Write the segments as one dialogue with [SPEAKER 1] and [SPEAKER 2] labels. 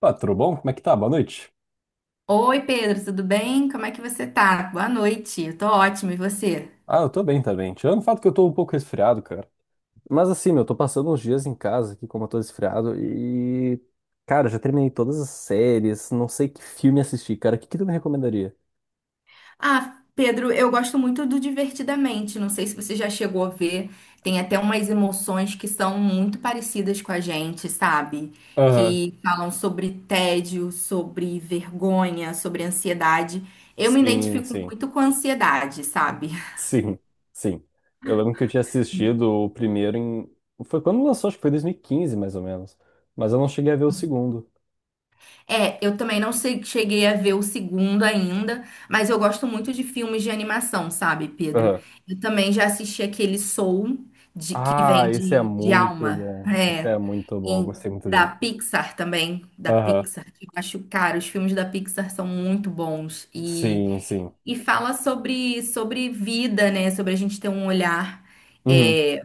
[SPEAKER 1] Pá, tudo bom? Como é que tá? Boa noite.
[SPEAKER 2] Oi, Pedro, tudo bem? Como é que você tá? Boa noite. Eu tô ótimo, e você?
[SPEAKER 1] Ah, eu tô bem também. Tirando o fato que eu tô um pouco resfriado, cara. Mas assim, meu, eu tô passando uns dias em casa aqui, como eu tô resfriado, e. Cara, já terminei todas as séries, não sei que filme assistir, cara. O que que tu me recomendaria?
[SPEAKER 2] Ah, Pedro, eu gosto muito do Divertidamente. Não sei se você já chegou a ver. Tem até umas emoções que são muito parecidas com a gente, sabe?
[SPEAKER 1] Aham.
[SPEAKER 2] Que falam sobre tédio, sobre vergonha, sobre ansiedade. Eu me
[SPEAKER 1] Sim,
[SPEAKER 2] identifico
[SPEAKER 1] sim.
[SPEAKER 2] muito com ansiedade, sabe?
[SPEAKER 1] Sim, sim. Eu lembro que eu tinha assistido o primeiro em. Foi quando lançou, acho que foi 2015, mais ou menos. Mas eu não cheguei a ver o segundo.
[SPEAKER 2] É, eu também não sei- cheguei a ver o segundo ainda, mas eu gosto muito de filmes de animação, sabe, Pedro?
[SPEAKER 1] Aham.
[SPEAKER 2] Eu também já assisti aquele Soul, que
[SPEAKER 1] Ah,
[SPEAKER 2] vem
[SPEAKER 1] esse é
[SPEAKER 2] de
[SPEAKER 1] muito
[SPEAKER 2] alma,
[SPEAKER 1] bom. Esse
[SPEAKER 2] é,
[SPEAKER 1] é muito bom. Eu gostei muito
[SPEAKER 2] da
[SPEAKER 1] dele.
[SPEAKER 2] Pixar também, da
[SPEAKER 1] Aham.
[SPEAKER 2] Pixar, que eu acho, cara, os filmes da Pixar são muito bons
[SPEAKER 1] Sim, sim.
[SPEAKER 2] e fala sobre vida, né? Sobre a gente ter um olhar.
[SPEAKER 1] Uhum.
[SPEAKER 2] É,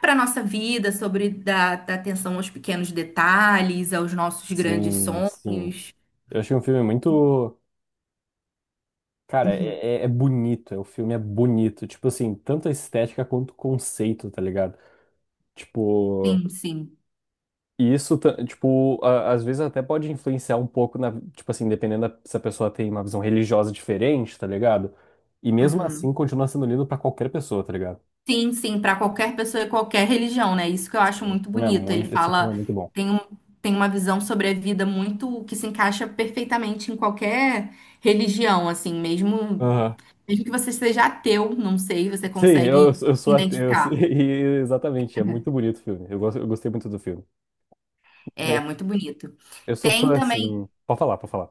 [SPEAKER 2] para nossa vida, sobre dar atenção aos pequenos detalhes, aos nossos grandes
[SPEAKER 1] Sim, sim.
[SPEAKER 2] sonhos.
[SPEAKER 1] Eu achei um filme muito. Cara,
[SPEAKER 2] Uhum.
[SPEAKER 1] é bonito. O filme é bonito. Tipo assim, tanto a estética quanto o conceito, tá ligado? Tipo.
[SPEAKER 2] Sim, sim.
[SPEAKER 1] E isso, tipo, às vezes até pode influenciar um pouco na. Tipo assim, dependendo da, se a pessoa tem uma visão religiosa diferente, tá ligado? E mesmo assim,
[SPEAKER 2] Uhum.
[SPEAKER 1] continua sendo lindo pra qualquer pessoa, tá ligado?
[SPEAKER 2] Sim, sim, para qualquer pessoa e qualquer religião, né? Isso que eu acho
[SPEAKER 1] Esse
[SPEAKER 2] muito
[SPEAKER 1] filme é
[SPEAKER 2] bonito. Ele
[SPEAKER 1] muito, esse filme é
[SPEAKER 2] fala,
[SPEAKER 1] muito bom.
[SPEAKER 2] tem um, tem uma visão sobre a vida muito que se encaixa perfeitamente em qualquer religião, assim, mesmo,
[SPEAKER 1] Aham.
[SPEAKER 2] mesmo que você seja ateu, não sei, você
[SPEAKER 1] Sim, eu,
[SPEAKER 2] consegue se
[SPEAKER 1] eu sou ateu.
[SPEAKER 2] identificar.
[SPEAKER 1] E, exatamente, é muito bonito o filme. Eu, gosto, eu gostei muito do filme.
[SPEAKER 2] É muito bonito.
[SPEAKER 1] Eu sou
[SPEAKER 2] Tem
[SPEAKER 1] fã,
[SPEAKER 2] também
[SPEAKER 1] assim. Pode falar, pode falar.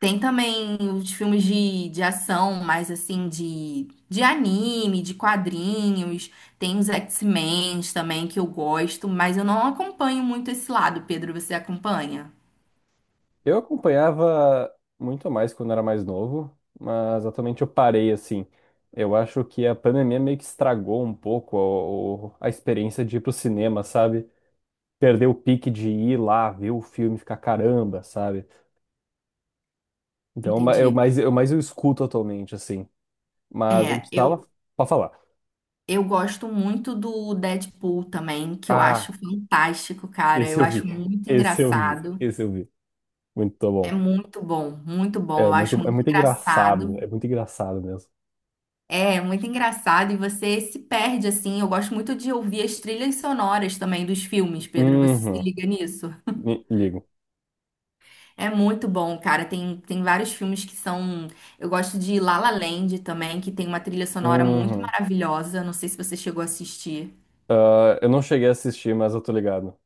[SPEAKER 2] Tem também os filmes de ação, mais assim, de anime, de quadrinhos. Tem os X-Men também, que eu gosto, mas eu não acompanho muito esse lado, Pedro. Você acompanha?
[SPEAKER 1] Eu acompanhava muito mais quando era mais novo, mas atualmente eu parei, assim. Eu acho que a pandemia meio que estragou um pouco a experiência de ir pro cinema, sabe? Perdeu o pique de ir lá, ver o filme, e ficar caramba, sabe? Então, eu mais
[SPEAKER 2] Entendi.
[SPEAKER 1] eu, mais eu escuto atualmente, assim. Mas a
[SPEAKER 2] É,
[SPEAKER 1] gente tava. Pode falar.
[SPEAKER 2] eu gosto muito do Deadpool também, que eu acho
[SPEAKER 1] Ah,
[SPEAKER 2] fantástico, cara.
[SPEAKER 1] esse
[SPEAKER 2] Eu
[SPEAKER 1] eu vi.
[SPEAKER 2] acho muito
[SPEAKER 1] Esse eu vi.
[SPEAKER 2] engraçado.
[SPEAKER 1] Esse eu vi. Muito
[SPEAKER 2] É
[SPEAKER 1] bom.
[SPEAKER 2] muito bom, muito bom.
[SPEAKER 1] É
[SPEAKER 2] Eu
[SPEAKER 1] muito,
[SPEAKER 2] acho
[SPEAKER 1] é
[SPEAKER 2] muito
[SPEAKER 1] muito engraçado.
[SPEAKER 2] engraçado.
[SPEAKER 1] É muito engraçado mesmo.
[SPEAKER 2] É muito engraçado e você se perde assim. Eu gosto muito de ouvir as trilhas sonoras também dos filmes, Pedro. Você se
[SPEAKER 1] Uhum.
[SPEAKER 2] liga nisso?
[SPEAKER 1] Ligo.
[SPEAKER 2] É muito bom, cara. Tem vários filmes que são. Eu gosto de La La Land também, que tem uma trilha sonora muito
[SPEAKER 1] Uhum.
[SPEAKER 2] maravilhosa. Não sei se você chegou a assistir.
[SPEAKER 1] Ah, eu não cheguei a assistir, mas eu tô ligado.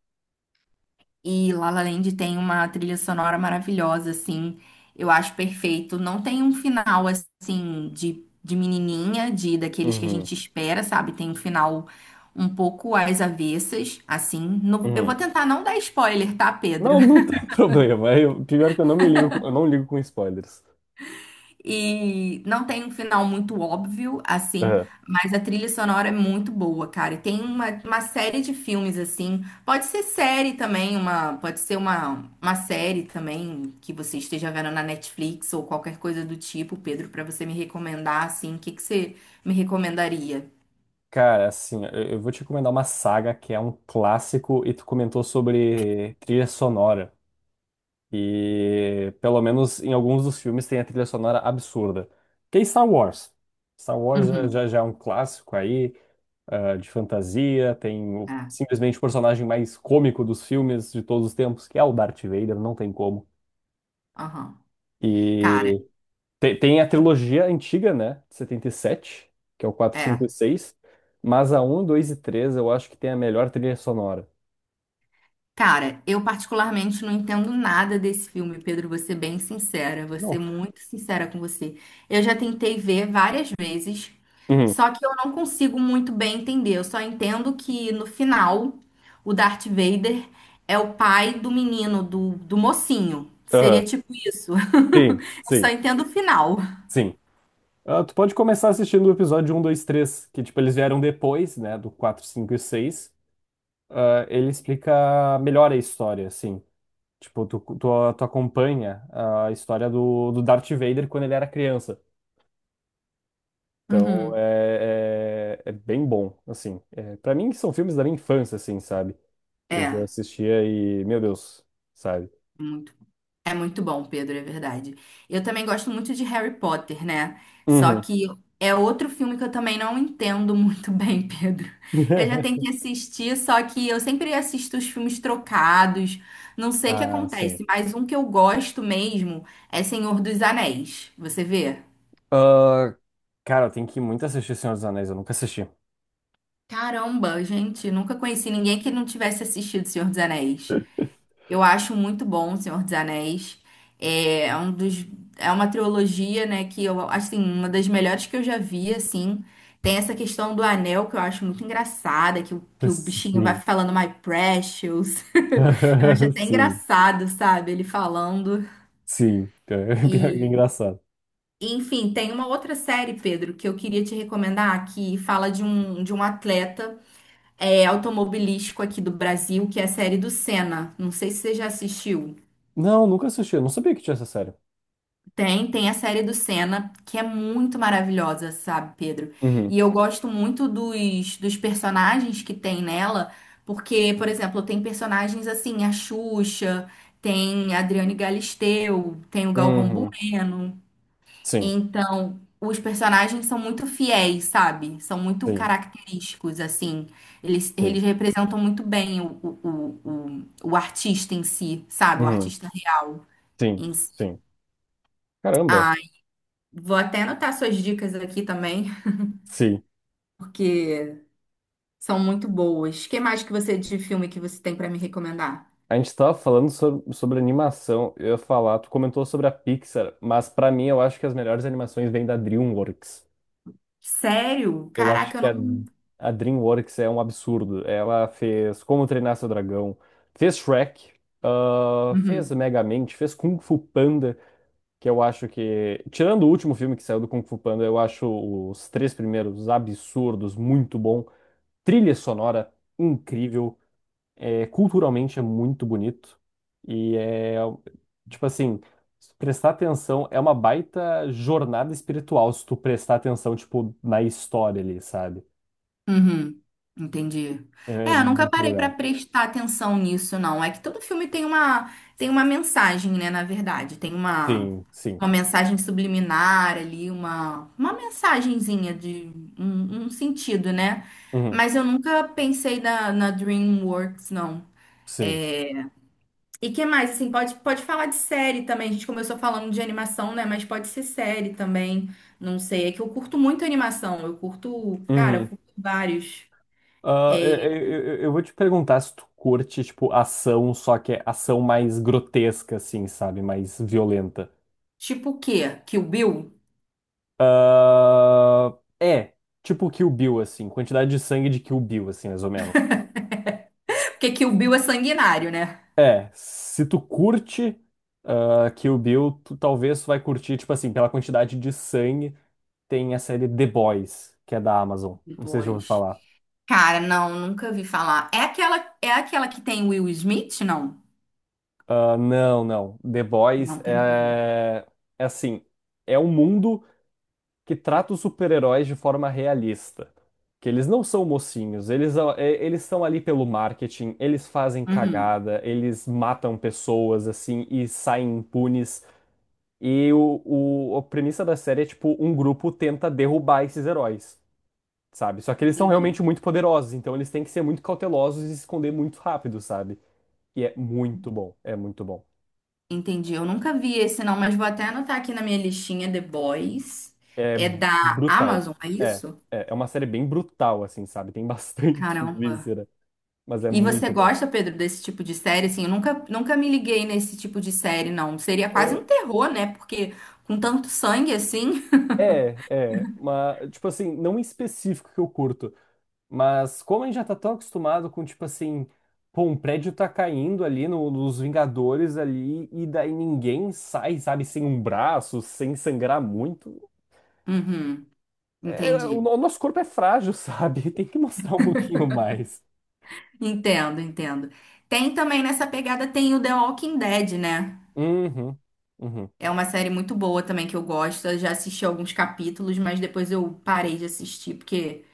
[SPEAKER 2] E La La Land tem uma trilha sonora maravilhosa, assim. Eu acho perfeito. Não tem um final, assim, de menininha, de daqueles que a
[SPEAKER 1] Uhum.
[SPEAKER 2] gente espera, sabe? Tem um final um pouco às avessas, assim. Eu vou
[SPEAKER 1] Uhum.
[SPEAKER 2] tentar não dar spoiler, tá, Pedro?
[SPEAKER 1] Não, não tem problema. É, eu, pior que eu não me ligo, eu não ligo com spoilers.
[SPEAKER 2] E não tem um final muito óbvio, assim,
[SPEAKER 1] Uhum.
[SPEAKER 2] mas a trilha sonora é muito boa, cara. E tem uma série de filmes, assim. Pode ser série também, pode ser uma série também que você esteja vendo na Netflix ou qualquer coisa do tipo, Pedro, pra você me recomendar, assim. O que que você me recomendaria?
[SPEAKER 1] Cara, assim, eu vou te recomendar uma saga que é um clássico e tu comentou sobre trilha sonora. E pelo menos em alguns dos filmes tem a trilha sonora absurda. Que é Star Wars. Star Wars já,
[SPEAKER 2] Uhum.
[SPEAKER 1] já já é um clássico aí. De fantasia, tem
[SPEAKER 2] É,
[SPEAKER 1] simplesmente o personagem mais cômico dos filmes de todos os tempos, que é o Darth Vader, não tem como.
[SPEAKER 2] aham. Cara,
[SPEAKER 1] E tem a trilogia antiga, né, de setenta e sete, que é o quatro 5 e
[SPEAKER 2] é.
[SPEAKER 1] seis, mas a um 2 e 3 eu acho que tem a melhor trilha sonora.
[SPEAKER 2] Cara, eu particularmente não entendo nada desse filme, Pedro, vou ser bem sincera, vou
[SPEAKER 1] Não.
[SPEAKER 2] ser muito sincera com você. Eu já tentei ver várias vezes,
[SPEAKER 1] Uhum.
[SPEAKER 2] só que eu não consigo muito bem entender. Eu só entendo que no final o Darth Vader é o pai do menino, do mocinho. Seria
[SPEAKER 1] Aham.
[SPEAKER 2] tipo isso.
[SPEAKER 1] Sim,
[SPEAKER 2] Eu só
[SPEAKER 1] sim,
[SPEAKER 2] entendo o final.
[SPEAKER 1] sim. Ah, tu pode começar assistindo o episódio um 2 três, que tipo, eles vieram depois, né, do 4 5 e seis. Ah, ele explica melhor a história, assim. Tipo, tu acompanha a história do, do Darth Vader quando ele era criança. Então,
[SPEAKER 2] Uhum.
[SPEAKER 1] é bem bom, assim. É, para mim, são filmes da minha infância, assim, sabe? Que eu
[SPEAKER 2] É.
[SPEAKER 1] assistia e, meu Deus, sabe?
[SPEAKER 2] É muito bom, Pedro, é verdade. Eu também gosto muito de Harry Potter, né? Só
[SPEAKER 1] Uhum.
[SPEAKER 2] que é outro filme que eu também não entendo muito bem, Pedro. Eu já tenho que assistir, só que eu sempre assisto os filmes trocados. Não sei o que
[SPEAKER 1] Ah, sim.
[SPEAKER 2] acontece, mas um que eu gosto mesmo é Senhor dos Anéis. Você vê?
[SPEAKER 1] Ah, cara, eu tenho que muito assistir Senhor dos Anéis, eu nunca assisti.
[SPEAKER 2] Caramba, gente, nunca conheci ninguém que não tivesse assistido Senhor dos Anéis. Eu acho muito bom O Senhor dos Anéis. É, é uma trilogia, né, que eu acho assim, uma das melhores que eu já vi, assim. Tem essa questão do anel que eu acho muito engraçada, que o bichinho vai
[SPEAKER 1] Sim.
[SPEAKER 2] falando My Precious. Eu acho até
[SPEAKER 1] Sim,
[SPEAKER 2] engraçado, sabe? Ele falando.
[SPEAKER 1] sim. Pior que é
[SPEAKER 2] E,
[SPEAKER 1] engraçado.
[SPEAKER 2] enfim, tem uma outra série, Pedro, que eu queria te recomendar, que fala de um atleta é, automobilístico aqui do Brasil, que é a série do Senna. Não sei se você já assistiu.
[SPEAKER 1] Não, nunca assisti, eu não sabia que tinha essa série.
[SPEAKER 2] Tem a série do Senna, que é muito maravilhosa, sabe, Pedro?
[SPEAKER 1] Uhum.
[SPEAKER 2] E eu gosto muito dos personagens que tem nela, porque, por exemplo, tem personagens assim, a Xuxa, tem a Adriane Galisteu, tem o Galvão
[SPEAKER 1] Uhum.
[SPEAKER 2] Bueno.
[SPEAKER 1] Sim,
[SPEAKER 2] Então, os personagens são muito fiéis, sabe? São muito
[SPEAKER 1] sim,
[SPEAKER 2] característicos, assim.
[SPEAKER 1] sim.
[SPEAKER 2] Eles representam muito bem o artista em si, sabe? O
[SPEAKER 1] Uhum,
[SPEAKER 2] artista real
[SPEAKER 1] sim,
[SPEAKER 2] em si.
[SPEAKER 1] sim. Caramba,
[SPEAKER 2] A Vou até anotar suas dicas aqui também,
[SPEAKER 1] sim.
[SPEAKER 2] porque são muito boas. Que mais que você de filme que você tem pra me recomendar?
[SPEAKER 1] A gente tava falando sobre, sobre animação. Eu ia falar, tu comentou sobre a Pixar, mas pra mim eu acho que as melhores animações vêm da DreamWorks.
[SPEAKER 2] Sério?
[SPEAKER 1] Eu acho
[SPEAKER 2] Caraca, eu
[SPEAKER 1] que a,
[SPEAKER 2] não.
[SPEAKER 1] a DreamWorks é um absurdo. Ela fez Como Treinar Seu Dragão, fez Shrek, ah, fez
[SPEAKER 2] Uhum,
[SPEAKER 1] Megamente, fez Kung Fu Panda, que eu acho que, tirando o último filme que saiu do Kung Fu Panda, eu acho os três primeiros absurdos, muito bom. Trilha sonora incrível. É, culturalmente é muito bonito e é, tipo assim, se prestar atenção é uma baita jornada espiritual se tu prestar atenção tipo na história ali, sabe?
[SPEAKER 2] uhum, entendi.
[SPEAKER 1] É
[SPEAKER 2] É, eu nunca
[SPEAKER 1] muito
[SPEAKER 2] parei pra
[SPEAKER 1] legal.
[SPEAKER 2] prestar atenção nisso, não. É que todo filme tem uma mensagem, né? Na verdade, tem
[SPEAKER 1] Sim, sim.
[SPEAKER 2] uma mensagem subliminar ali, uma mensagenzinha de um sentido, né?
[SPEAKER 1] Uhum,
[SPEAKER 2] Mas eu nunca pensei na DreamWorks, não.
[SPEAKER 1] sim.
[SPEAKER 2] E que mais, assim, pode falar de série também. A gente começou falando de animação, né? Mas pode ser série também. Não sei. É que eu curto muito animação. Eu curto, cara, eu
[SPEAKER 1] Uhum.
[SPEAKER 2] curto vários.
[SPEAKER 1] Ah, eu,
[SPEAKER 2] É,
[SPEAKER 1] eu- eu- eu vou te perguntar se tu curte tipo ação, só que é ação mais grotesca assim, sabe? Mais violenta.
[SPEAKER 2] tipo o quê? Kill Bill?
[SPEAKER 1] Ah, é, tipo Kill Bill assim, quantidade de sangue de Kill Bill assim, mais ou menos.
[SPEAKER 2] Porque Kill Bill é sanguinário, né?
[SPEAKER 1] É, se tu curte ah, Kill Bill, tu talvez tu vai curtir, tipo assim, pela quantidade de sangue, tem a série The Boys, que é da Amazon. Não sei se já ouviu
[SPEAKER 2] Depois.
[SPEAKER 1] falar.
[SPEAKER 2] Cara, não, nunca vi falar. É aquela que tem Will Smith? Não.
[SPEAKER 1] Ah, não, não. The Boys
[SPEAKER 2] Não, tem nada a ver.
[SPEAKER 1] é, é assim, é um mundo que trata os super-heróis de forma realista. Que eles não são mocinhos, eles, eles estão ali pelo marketing, eles fazem
[SPEAKER 2] Uhum,
[SPEAKER 1] cagada, eles matam pessoas, assim, e saem impunes. E a premissa da série é, tipo, um grupo tenta derrubar esses heróis, sabe? Só que eles são
[SPEAKER 2] entendi.
[SPEAKER 1] realmente muito poderosos, então eles têm que ser muito cautelosos e se esconder muito rápido, sabe? E é muito bom, é muito bom.
[SPEAKER 2] Entendi. Eu nunca vi esse, não, mas vou até anotar aqui na minha listinha The Boys.
[SPEAKER 1] É
[SPEAKER 2] É da
[SPEAKER 1] brutal.
[SPEAKER 2] Amazon, é
[SPEAKER 1] É,
[SPEAKER 2] isso?
[SPEAKER 1] é uma série bem brutal, assim, sabe? Tem bastante
[SPEAKER 2] Caramba.
[SPEAKER 1] víscera, mas é
[SPEAKER 2] E você
[SPEAKER 1] muito bom.
[SPEAKER 2] gosta, Pedro, desse tipo de série? Assim, eu nunca me liguei nesse tipo de série, não. Seria quase
[SPEAKER 1] Ah,
[SPEAKER 2] um terror, né? Porque com tanto sangue assim.
[SPEAKER 1] é, mas, tipo assim, não em específico que eu curto, mas como a gente já tá tão acostumado com, tipo assim, pô, um prédio tá caindo ali nos Vingadores ali, e daí ninguém sai, sabe, sem um braço, sem sangrar muito.
[SPEAKER 2] Uhum,
[SPEAKER 1] É, o,
[SPEAKER 2] entendi.
[SPEAKER 1] no- o nosso corpo é frágil, sabe? Tem que mostrar um pouquinho mais.
[SPEAKER 2] Entendo, entendo. Tem também nessa pegada, tem o The Walking Dead, né?
[SPEAKER 1] Uhum, uhum,
[SPEAKER 2] É uma série muito boa também que eu gosto. Eu já assisti alguns capítulos, mas depois eu parei de assistir porque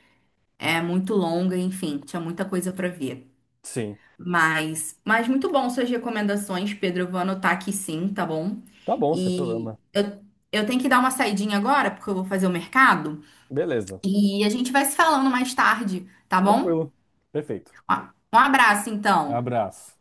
[SPEAKER 2] é muito longa, enfim, tinha muita coisa pra ver.
[SPEAKER 1] sim.
[SPEAKER 2] Mas muito bom suas recomendações, Pedro. Eu vou anotar aqui sim, tá bom?
[SPEAKER 1] Tá bom, sem
[SPEAKER 2] E
[SPEAKER 1] problema.
[SPEAKER 2] eu, eu tenho que dar uma saidinha agora, porque eu vou fazer o mercado.
[SPEAKER 1] Beleza.
[SPEAKER 2] E a gente vai se falando mais tarde, tá bom?
[SPEAKER 1] Tranquilo. Perfeito.
[SPEAKER 2] Ó, um abraço, então.
[SPEAKER 1] Abraço.